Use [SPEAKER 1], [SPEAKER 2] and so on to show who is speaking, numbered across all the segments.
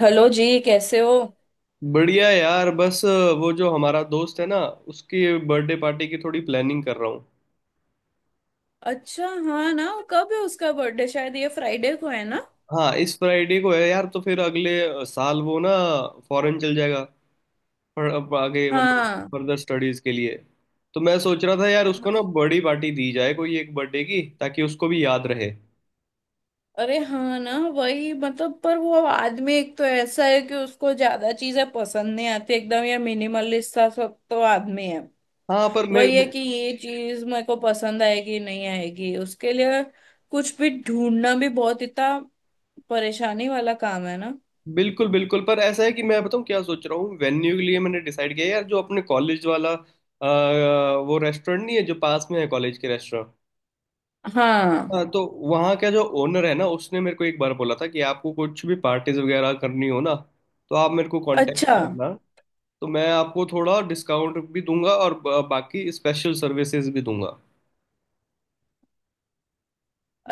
[SPEAKER 1] Hello जी, कैसे हो?
[SPEAKER 2] बढ़िया यार बस। वो जो हमारा दोस्त है ना, उसकी बर्थडे पार्टी की थोड़ी प्लानिंग कर रहा हूँ।
[SPEAKER 1] अच्छा, हाँ ना, कब है उसका बर्थडे? शायद ये फ्राइडे को है ना?
[SPEAKER 2] हाँ, इस फ्राइडे को है यार। तो फिर अगले साल वो ना फॉरेन चल जाएगा। पर अब आगे मतलब
[SPEAKER 1] हाँ।
[SPEAKER 2] फर्दर स्टडीज के लिए। तो मैं सोच रहा था यार,
[SPEAKER 1] हाँ,
[SPEAKER 2] उसको ना बड़ी पार्टी दी जाए कोई एक बर्थडे की, ताकि उसको भी याद रहे।
[SPEAKER 1] अरे हाँ ना, वही मतलब। पर वो आदमी एक तो ऐसा है कि उसको ज्यादा चीजें पसंद नहीं आती। एकदम ये मिनिमलिस्ट सा सब तो आदमी है।
[SPEAKER 2] हाँ, पर मैं।
[SPEAKER 1] वही है कि ये चीज मेरे को पसंद आएगी नहीं आएगी। उसके लिए कुछ भी ढूंढना भी बहुत इतना परेशानी वाला काम है ना।
[SPEAKER 2] बिल्कुल बिल्कुल। पर ऐसा है कि मैं बताऊँ क्या सोच रहा हूँ। वेन्यू के लिए मैंने डिसाइड किया है यार, जो अपने कॉलेज वाला वो रेस्टोरेंट नहीं है जो पास में है कॉलेज के।
[SPEAKER 1] हाँ।
[SPEAKER 2] हाँ, तो वहाँ का जो ओनर है ना, उसने मेरे को एक बार बोला था कि आपको कुछ भी पार्टीज वगैरह करनी हो ना, तो आप मेरे को कांटेक्ट
[SPEAKER 1] अच्छा,
[SPEAKER 2] करना। तो मैं आपको थोड़ा डिस्काउंट भी दूंगा और बाकी स्पेशल सर्विसेज भी दूंगा।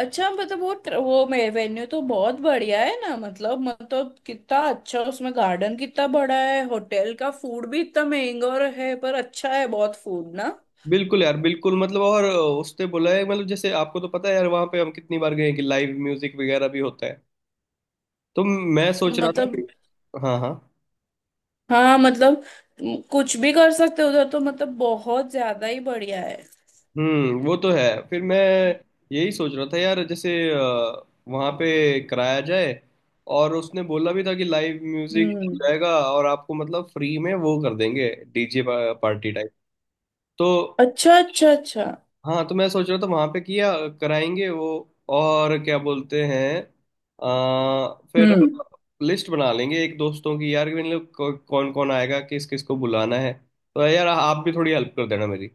[SPEAKER 1] अच्छा मतलब वो वो मे वेन्यू तो बहुत बढ़िया है ना। मतलब कितना अच्छा, उसमें गार्डन कितना बड़ा है, होटल का फूड भी इतना महंगा और है पर अच्छा है बहुत फूड ना।
[SPEAKER 2] बिल्कुल यार बिल्कुल, मतलब। और उसने बोला है मतलब, जैसे आपको तो पता है यार, वहाँ पे हम कितनी बार गए हैं कि लाइव म्यूजिक वगैरह भी होता है। तो मैं सोच रहा था कि।
[SPEAKER 1] मतलब
[SPEAKER 2] हाँ हाँ।
[SPEAKER 1] हाँ मतलब कुछ भी कर सकते हो उधर तो। मतलब बहुत ज्यादा ही बढ़िया है।
[SPEAKER 2] वो तो है। फिर मैं यही सोच रहा था यार, जैसे वहाँ पे कराया जाए। और उसने बोला भी था कि लाइव म्यूजिक
[SPEAKER 1] हम्म।
[SPEAKER 2] हो जाएगा, और आपको मतलब फ्री में वो कर देंगे डीजे पार्टी टाइप। तो।
[SPEAKER 1] अच्छा, अच्छा, अच्छा।
[SPEAKER 2] हाँ, तो मैं सोच रहा था वहाँ पे किया कराएंगे वो। और क्या बोलते हैं फिर
[SPEAKER 1] हम्म।
[SPEAKER 2] लिस्ट बना लेंगे एक दोस्तों की यार, कि मतलब कौन कौन आएगा, किस किस को बुलाना है। तो यार आप भी थोड़ी हेल्प कर देना मेरी।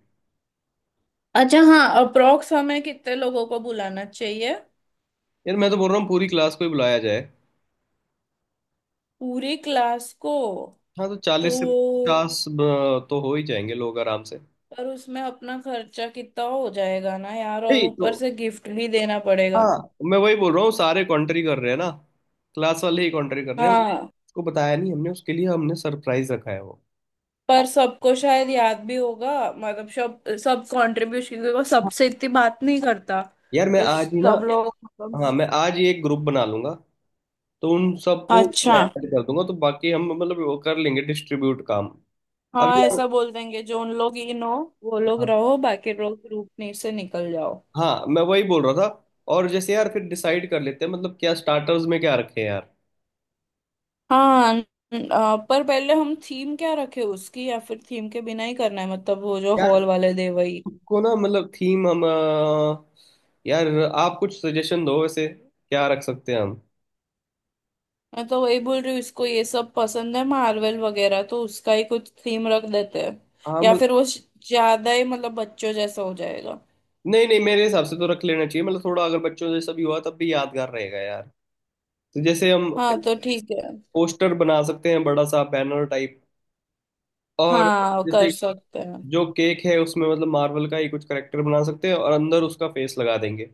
[SPEAKER 1] अच्छा हाँ, अप्रोक्स हमें कितने लोगों को बुलाना चाहिए?
[SPEAKER 2] यार मैं तो बोल रहा हूँ पूरी क्लास को ही बुलाया जाए।
[SPEAKER 1] पूरी क्लास को?
[SPEAKER 2] हाँ, तो
[SPEAKER 1] तो
[SPEAKER 2] 40 से 50 तो हो ही जाएंगे लोग आराम से।
[SPEAKER 1] पर उसमें अपना खर्चा कितना हो जाएगा ना यार, और
[SPEAKER 2] नहीं तो।
[SPEAKER 1] ऊपर से गिफ्ट भी देना पड़ेगा।
[SPEAKER 2] हाँ, मैं वही बोल रहा हूँ, सारे कॉन्ट्री कर रहे हैं ना। क्लास वाले ही कॉन्ट्री कर रहे हैं,
[SPEAKER 1] हाँ,
[SPEAKER 2] उसको बताया नहीं हमने, उसके लिए हमने सरप्राइज रखा है वो।
[SPEAKER 1] पर सबको शायद याद भी होगा, मतलब सब सब कंट्रीब्यूशन, क्योंकि वो
[SPEAKER 2] हाँ।
[SPEAKER 1] सबसे इतनी बात नहीं करता।
[SPEAKER 2] यार मैं
[SPEAKER 1] तो
[SPEAKER 2] आज ही ना।
[SPEAKER 1] सब लोग मतलब।
[SPEAKER 2] हाँ, मैं आज ही एक ग्रुप बना लूंगा, तो उन सबको
[SPEAKER 1] अच्छा
[SPEAKER 2] ऐड कर दूंगा। तो बाकी हम मतलब वो कर लेंगे डिस्ट्रीब्यूट काम। अब
[SPEAKER 1] हाँ,
[SPEAKER 2] यार।
[SPEAKER 1] ऐसा बोल देंगे जो उन लोग इन हो वो लोग
[SPEAKER 2] हाँ
[SPEAKER 1] रहो, बाकी लोग ग्रुप में से निकल जाओ।
[SPEAKER 2] हाँ, मैं वही बोल रहा था। और जैसे यार फिर डिसाइड कर लेते हैं मतलब, क्या स्टार्टर्स में क्या रखें यार।
[SPEAKER 1] हाँ पर पहले हम थीम क्या रखे उसकी, या फिर थीम के बिना ही करना है? मतलब वो जो
[SPEAKER 2] यार
[SPEAKER 1] हॉल वाले दे वही।
[SPEAKER 2] को ना मतलब थीम हम यार आप कुछ सजेशन दो, वैसे क्या रख सकते हैं हम।
[SPEAKER 1] मैं तो वही बोल रही हूँ, इसको ये सब पसंद है, मार्वल वगैरह, तो उसका ही कुछ थीम रख देते हैं।
[SPEAKER 2] हाँ
[SPEAKER 1] या
[SPEAKER 2] मतलब।
[SPEAKER 1] फिर वो ज्यादा ही मतलब बच्चों जैसा हो जाएगा।
[SPEAKER 2] नहीं नहीं, मेरे हिसाब से तो रख लेना चाहिए मतलब, थोड़ा अगर बच्चों से सभी हुआ तब भी यादगार रहेगा यार। तो जैसे हम
[SPEAKER 1] हाँ तो ठीक है।
[SPEAKER 2] पोस्टर बना सकते हैं बड़ा सा बैनर टाइप। और
[SPEAKER 1] हाँ, कर
[SPEAKER 2] जैसे
[SPEAKER 1] सकते हैं।
[SPEAKER 2] जो केक है उसमें मतलब मार्वल का ही कुछ करेक्टर बना सकते हैं, और अंदर उसका फेस लगा देंगे।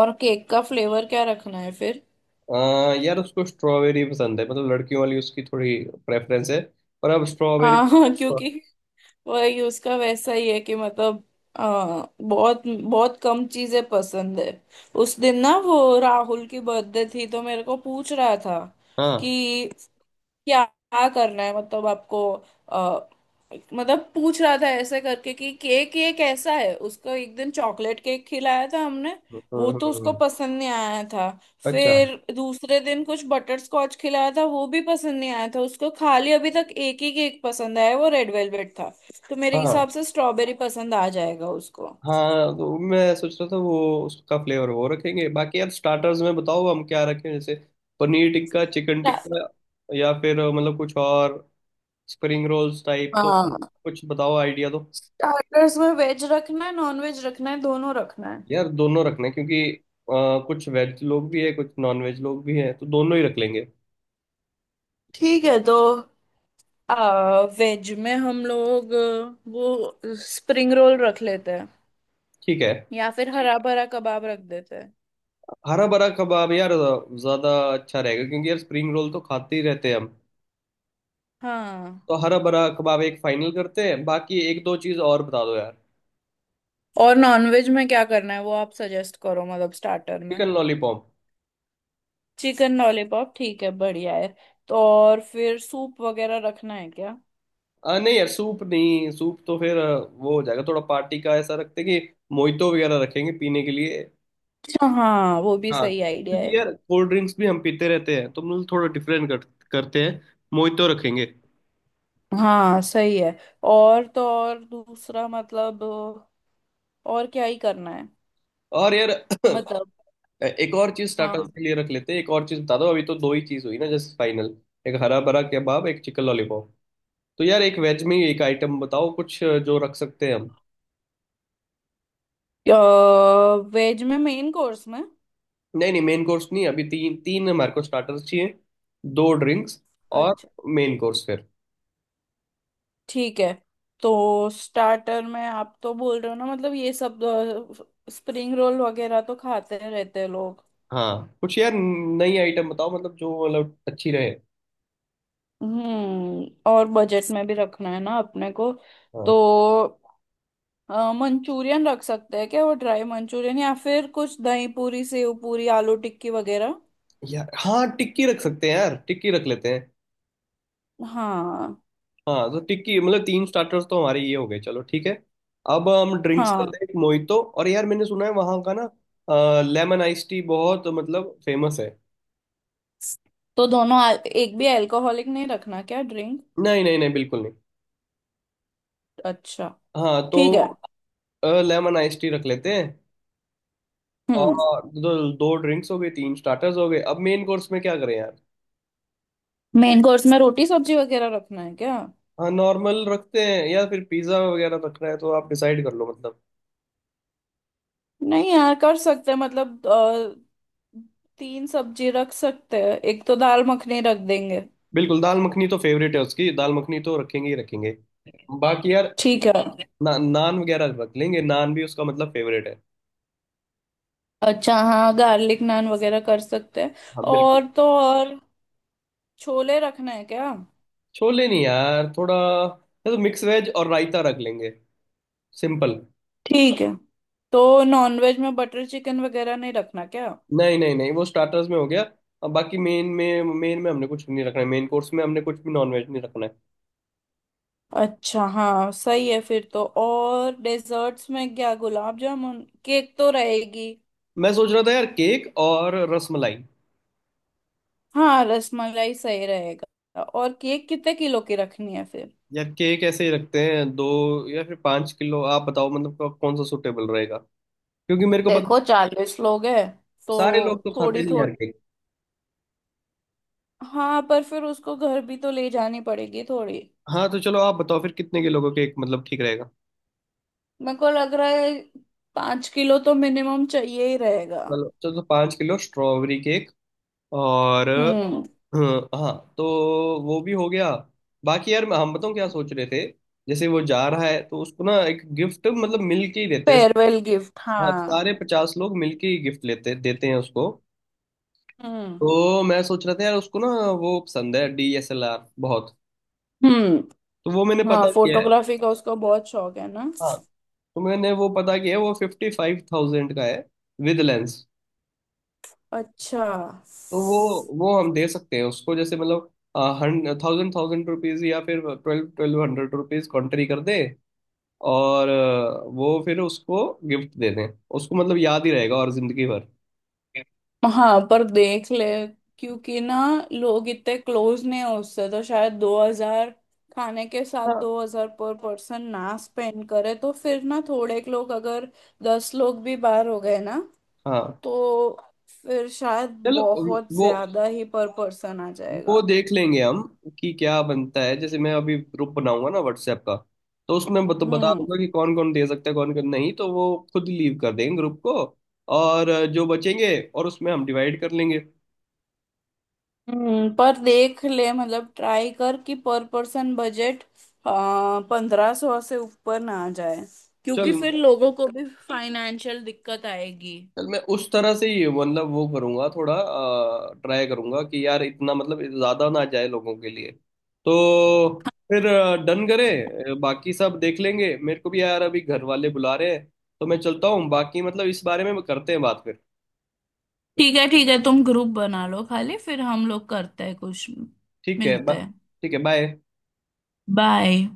[SPEAKER 1] और केक का फ्लेवर क्या रखना है फिर?
[SPEAKER 2] यार उसको स्ट्रॉबेरी पसंद है मतलब, लड़कियों वाली उसकी थोड़ी प्रेफरेंस है। पर अब स्ट्रॉबेरी।
[SPEAKER 1] हाँ हाँ, क्योंकि वही उसका वैसा ही है कि मतलब बहुत बहुत कम चीजें पसंद है। उस दिन ना वो राहुल की बर्थडे थी, तो मेरे को पूछ रहा था
[SPEAKER 2] हाँ।
[SPEAKER 1] कि क्या करना है मतलब आपको। अ, मतलब पूछ रहा था ऐसे करके कि केक ये कैसा है। उसको एक दिन चॉकलेट केक खिलाया था हमने, वो तो उसको
[SPEAKER 2] हम्म।
[SPEAKER 1] पसंद नहीं आया था।
[SPEAKER 2] अच्छा
[SPEAKER 1] फिर दूसरे दिन कुछ बटर स्कॉच खिलाया था, वो भी पसंद नहीं आया था उसको। खाली अभी तक एक ही केक पसंद आया, वो रेड वेलवेट था। तो मेरे
[SPEAKER 2] हाँ।
[SPEAKER 1] हिसाब से स्ट्रॉबेरी पसंद आ जाएगा उसको।
[SPEAKER 2] हाँ, तो मैं सोच रहा था वो उसका फ्लेवर वो रखेंगे। बाकी यार स्टार्टर्स में बताओ हम क्या रखें, जैसे पनीर टिक्का, चिकन
[SPEAKER 1] स्टा-
[SPEAKER 2] टिक्का, या फिर मतलब कुछ और स्प्रिंग रोल्स टाइप। तो
[SPEAKER 1] हाँ,
[SPEAKER 2] कुछ बताओ, आइडिया दो।
[SPEAKER 1] स्टार्टर्स में वेज रखना है, नॉन वेज रखना है, दोनों रखना है?
[SPEAKER 2] यार दोनों रखना है क्योंकि कुछ वेज लोग भी है, कुछ नॉन वेज लोग भी हैं, तो दोनों ही रख लेंगे।
[SPEAKER 1] ठीक है। तो वेज में हम लोग वो स्प्रिंग रोल रख लेते हैं,
[SPEAKER 2] ठीक है।
[SPEAKER 1] या फिर हरा भरा कबाब रख देते हैं।
[SPEAKER 2] हरा भरा कबाब यार ज़्यादा अच्छा रहेगा, क्योंकि यार स्प्रिंग रोल तो खाते ही रहते हैं हम।
[SPEAKER 1] हाँ।
[SPEAKER 2] तो हरा भरा कबाब एक फाइनल करते हैं, बाकी एक दो चीज़ और बता दो यार।
[SPEAKER 1] और नॉनवेज में क्या करना है वो आप सजेस्ट करो, मतलब स्टार्टर में।
[SPEAKER 2] Chicken lollipop.
[SPEAKER 1] चिकन लॉलीपॉप ठीक है, बढ़िया है। तो और फिर सूप वगैरह रखना है क्या?
[SPEAKER 2] नहीं यार सूप नहीं, सूप तो फिर वो हो जाएगा थोड़ा पार्टी का। ऐसा रखते हैं कि मोहितो वगैरह रखेंगे पीने के लिए।
[SPEAKER 1] अच्छा हाँ, वो भी
[SPEAKER 2] हाँ,
[SPEAKER 1] सही आइडिया है।
[SPEAKER 2] क्योंकि यार कोल्ड ड्रिंक्स भी हम पीते रहते हैं, तो हम लोग थोड़ा डिफरेंट करते हैं। मोहितो रखेंगे।
[SPEAKER 1] हाँ सही है। और तो और दूसरा मतलब और क्या ही करना है
[SPEAKER 2] और यार
[SPEAKER 1] मतलब।
[SPEAKER 2] एक और चीज स्टार्टर्स
[SPEAKER 1] हाँ
[SPEAKER 2] के लिए रख लेते हैं, एक और चीज बता दो, अभी तो दो ही चीज हुई ना, जस्ट फाइनल। एक हरा भरा कबाब, एक चिकन लॉलीपॉप। तो यार एक वेज में एक आइटम बताओ, कुछ जो रख सकते हैं हम।
[SPEAKER 1] वेज में मेन कोर्स में।
[SPEAKER 2] नहीं नहीं मेन कोर्स नहीं, अभी तीन तीन हमारे को स्टार्टर्स चाहिए, दो ड्रिंक्स और
[SPEAKER 1] अच्छा
[SPEAKER 2] मेन कोर्स।
[SPEAKER 1] ठीक है। तो स्टार्टर में आप तो बोल रहे हो ना, मतलब ये सब स्प्रिंग रोल वगैरह तो खाते रहते हैं लोग।
[SPEAKER 2] हाँ, कुछ यार नई आइटम बताओ मतलब, जो मतलब अच्छी रहे।
[SPEAKER 1] हम्म। और बजट में भी रखना है ना अपने को।
[SPEAKER 2] हाँ
[SPEAKER 1] तो मंचूरियन रख सकते हैं क्या? वो ड्राई मंचूरियन, या फिर कुछ दही पूरी, सेव पूरी, आलू टिक्की वगैरह।
[SPEAKER 2] यार, हाँ टिक्की रख सकते हैं, यार टिक्की रख लेते हैं।
[SPEAKER 1] हाँ।
[SPEAKER 2] हाँ, तो टिक्की मतलब तीन स्टार्टर्स तो हमारे ये हो गए। चलो ठीक है। अब हम ड्रिंक्स
[SPEAKER 1] हाँ,
[SPEAKER 2] करते हैं, एक मोहितो और यार मैंने सुना है वहाँ का ना लेमन आइस टी बहुत मतलब फेमस है।
[SPEAKER 1] तो दोनों एक भी अल्कोहलिक नहीं रखना क्या ड्रिंक?
[SPEAKER 2] नहीं नहीं नहीं, बिल्कुल नहीं।
[SPEAKER 1] अच्छा
[SPEAKER 2] हाँ,
[SPEAKER 1] ठीक है।
[SPEAKER 2] तो लेमन आइस टी रख लेते हैं।
[SPEAKER 1] हम्म।
[SPEAKER 2] और दो, दो ड्रिंक्स हो गए, तीन स्टार्टर्स हो गए, अब मेन कोर्स में क्या करें यार।
[SPEAKER 1] मेन कोर्स में रोटी सब्जी वगैरह रखना है क्या?
[SPEAKER 2] हाँ, नॉर्मल रखते हैं या फिर पिज्ज़ा वगैरह रखना है, तो आप डिसाइड कर लो मतलब।
[SPEAKER 1] नहीं यार, कर सकते हैं, मतलब तीन सब्जी रख सकते हैं, एक तो दाल मखनी रख देंगे।
[SPEAKER 2] बिल्कुल, दाल मखनी तो फेवरेट है उसकी, दाल मखनी तो रखेंगे ही रखेंगे। बाकी यार
[SPEAKER 1] ठीक है।
[SPEAKER 2] नान वगैरह रख लेंगे, नान भी उसका मतलब फेवरेट है।
[SPEAKER 1] अच्छा हाँ, गार्लिक नान वगैरह कर सकते हैं।
[SPEAKER 2] हाँ बिल्कुल।
[SPEAKER 1] और तो और छोले रखना है क्या?
[SPEAKER 2] छोले नहीं यार, थोड़ा या तो मिक्स वेज और रायता रख लेंगे, सिंपल।
[SPEAKER 1] ठीक है। तो नॉनवेज में बटर चिकन वगैरह नहीं रखना क्या?
[SPEAKER 2] नहीं नहीं नहीं, वो स्टार्टर्स में हो गया। अब बाकी मेन में, मेन में हमने कुछ नहीं रखना है, मेन कोर्स में हमने कुछ भी नॉन वेज नहीं रखना है।
[SPEAKER 1] अच्छा हाँ सही है। फिर तो और डेजर्ट्स में क्या, गुलाब जामुन? केक तो रहेगी।
[SPEAKER 2] मैं सोच रहा था यार केक और रसमलाई।
[SPEAKER 1] हाँ रसमलाई सही रहेगा। और केक कितने किलो की रखनी है फिर?
[SPEAKER 2] यार केक ऐसे ही रखते हैं, 2 या फिर 5 किलो, आप बताओ मतलब कौन सा सूटेबल रहेगा। क्योंकि मेरे को पता।
[SPEAKER 1] देखो 40 लोग हैं,
[SPEAKER 2] सारे लोग
[SPEAKER 1] तो
[SPEAKER 2] तो खाते
[SPEAKER 1] थोड़ी
[SPEAKER 2] नहीं यार।
[SPEAKER 1] थोड़ी। हाँ, पर फिर उसको घर भी तो ले जानी पड़ेगी थोड़ी।
[SPEAKER 2] हाँ, तो चलो आप बताओ फिर कितने किलो का केक मतलब ठीक रहेगा।
[SPEAKER 1] मेरे को लग रहा है 5 किलो तो मिनिमम चाहिए ही रहेगा।
[SPEAKER 2] चलो चलो, तो 5 किलो स्ट्रॉबेरी केक और
[SPEAKER 1] हम्म।
[SPEAKER 2] हाँ तो वो भी हो गया। बाकी यार हम बताऊँ क्या सोच रहे थे। जैसे वो जा रहा है, तो उसको ना एक गिफ्ट मतलब मिल के ही देते हैं।
[SPEAKER 1] फेयरवेल गिफ्ट,
[SPEAKER 2] हाँ,
[SPEAKER 1] हाँ।
[SPEAKER 2] सारे 50 लोग मिल के ही गिफ्ट लेते देते हैं उसको।
[SPEAKER 1] हम्म।
[SPEAKER 2] तो मैं सोच रहा था यार उसको ना, वो पसंद है डीएसएलआर बहुत।
[SPEAKER 1] हम्म।
[SPEAKER 2] तो वो मैंने
[SPEAKER 1] हाँ,
[SPEAKER 2] पता किया है।
[SPEAKER 1] फोटोग्राफी का उसको बहुत शौक है ना।
[SPEAKER 2] हाँ, तो मैंने वो पता किया है, वो 55,000 का है विद लेंस।
[SPEAKER 1] अच्छा।
[SPEAKER 2] तो वो हम दे सकते हैं उसको, जैसे मतलब थाउजेंड थाउजेंड रुपीज, या फिर ट्वेल्व ट्वेल्व हंड्रेड रुपीज कंट्री कर दे। और वो फिर उसको गिफ्ट दे दें, उसको मतलब याद ही रहेगा और जिंदगी भर।
[SPEAKER 1] हाँ, पर देख ले, क्योंकि ना लोग इतने क्लोज नहीं है उससे, तो शायद 2000, खाने के साथ
[SPEAKER 2] हाँ
[SPEAKER 1] 2000 पर पर्सन ना स्पेंड करे, तो फिर ना थोड़े लोग अगर 10 लोग भी बाहर हो गए ना,
[SPEAKER 2] हाँ।
[SPEAKER 1] तो फिर शायद
[SPEAKER 2] चलो
[SPEAKER 1] बहुत
[SPEAKER 2] वो
[SPEAKER 1] ज्यादा ही पर पर्सन आ
[SPEAKER 2] वो
[SPEAKER 1] जाएगा।
[SPEAKER 2] देख लेंगे हम कि क्या बनता है। जैसे मैं अभी ग्रुप बनाऊंगा ना व्हाट्सएप का, तो उसमें बता
[SPEAKER 1] हम्म।
[SPEAKER 2] दूंगा कि कौन कौन दे सकता है, कौन कौन नहीं, तो वो खुद लीव कर देंगे ग्रुप को। और जो बचेंगे और उसमें हम डिवाइड कर लेंगे।
[SPEAKER 1] पर देख ले मतलब ट्राई कर कि पर पर्सन बजट 1500 से ऊपर ना आ जाए,
[SPEAKER 2] चल
[SPEAKER 1] क्योंकि फिर लोगों को भी फाइनेंशियल दिक्कत आएगी।
[SPEAKER 2] चल, मैं उस तरह से ही मतलब वो करूंगा, थोड़ा ट्राई करूंगा कि यार इतना मतलब ज्यादा ना जाए लोगों के लिए। तो फिर डन करें। बाकी सब देख लेंगे। मेरे को भी यार अभी घर वाले बुला रहे हैं, तो मैं चलता हूँ, बाकी मतलब इस बारे में करते हैं बात फिर।
[SPEAKER 1] ठीक है, ठीक है, तुम ग्रुप बना लो खाली, फिर हम लोग करते हैं कुछ।
[SPEAKER 2] ठीक है
[SPEAKER 1] मिलते हैं।
[SPEAKER 2] ठीक है बाय।
[SPEAKER 1] बाय।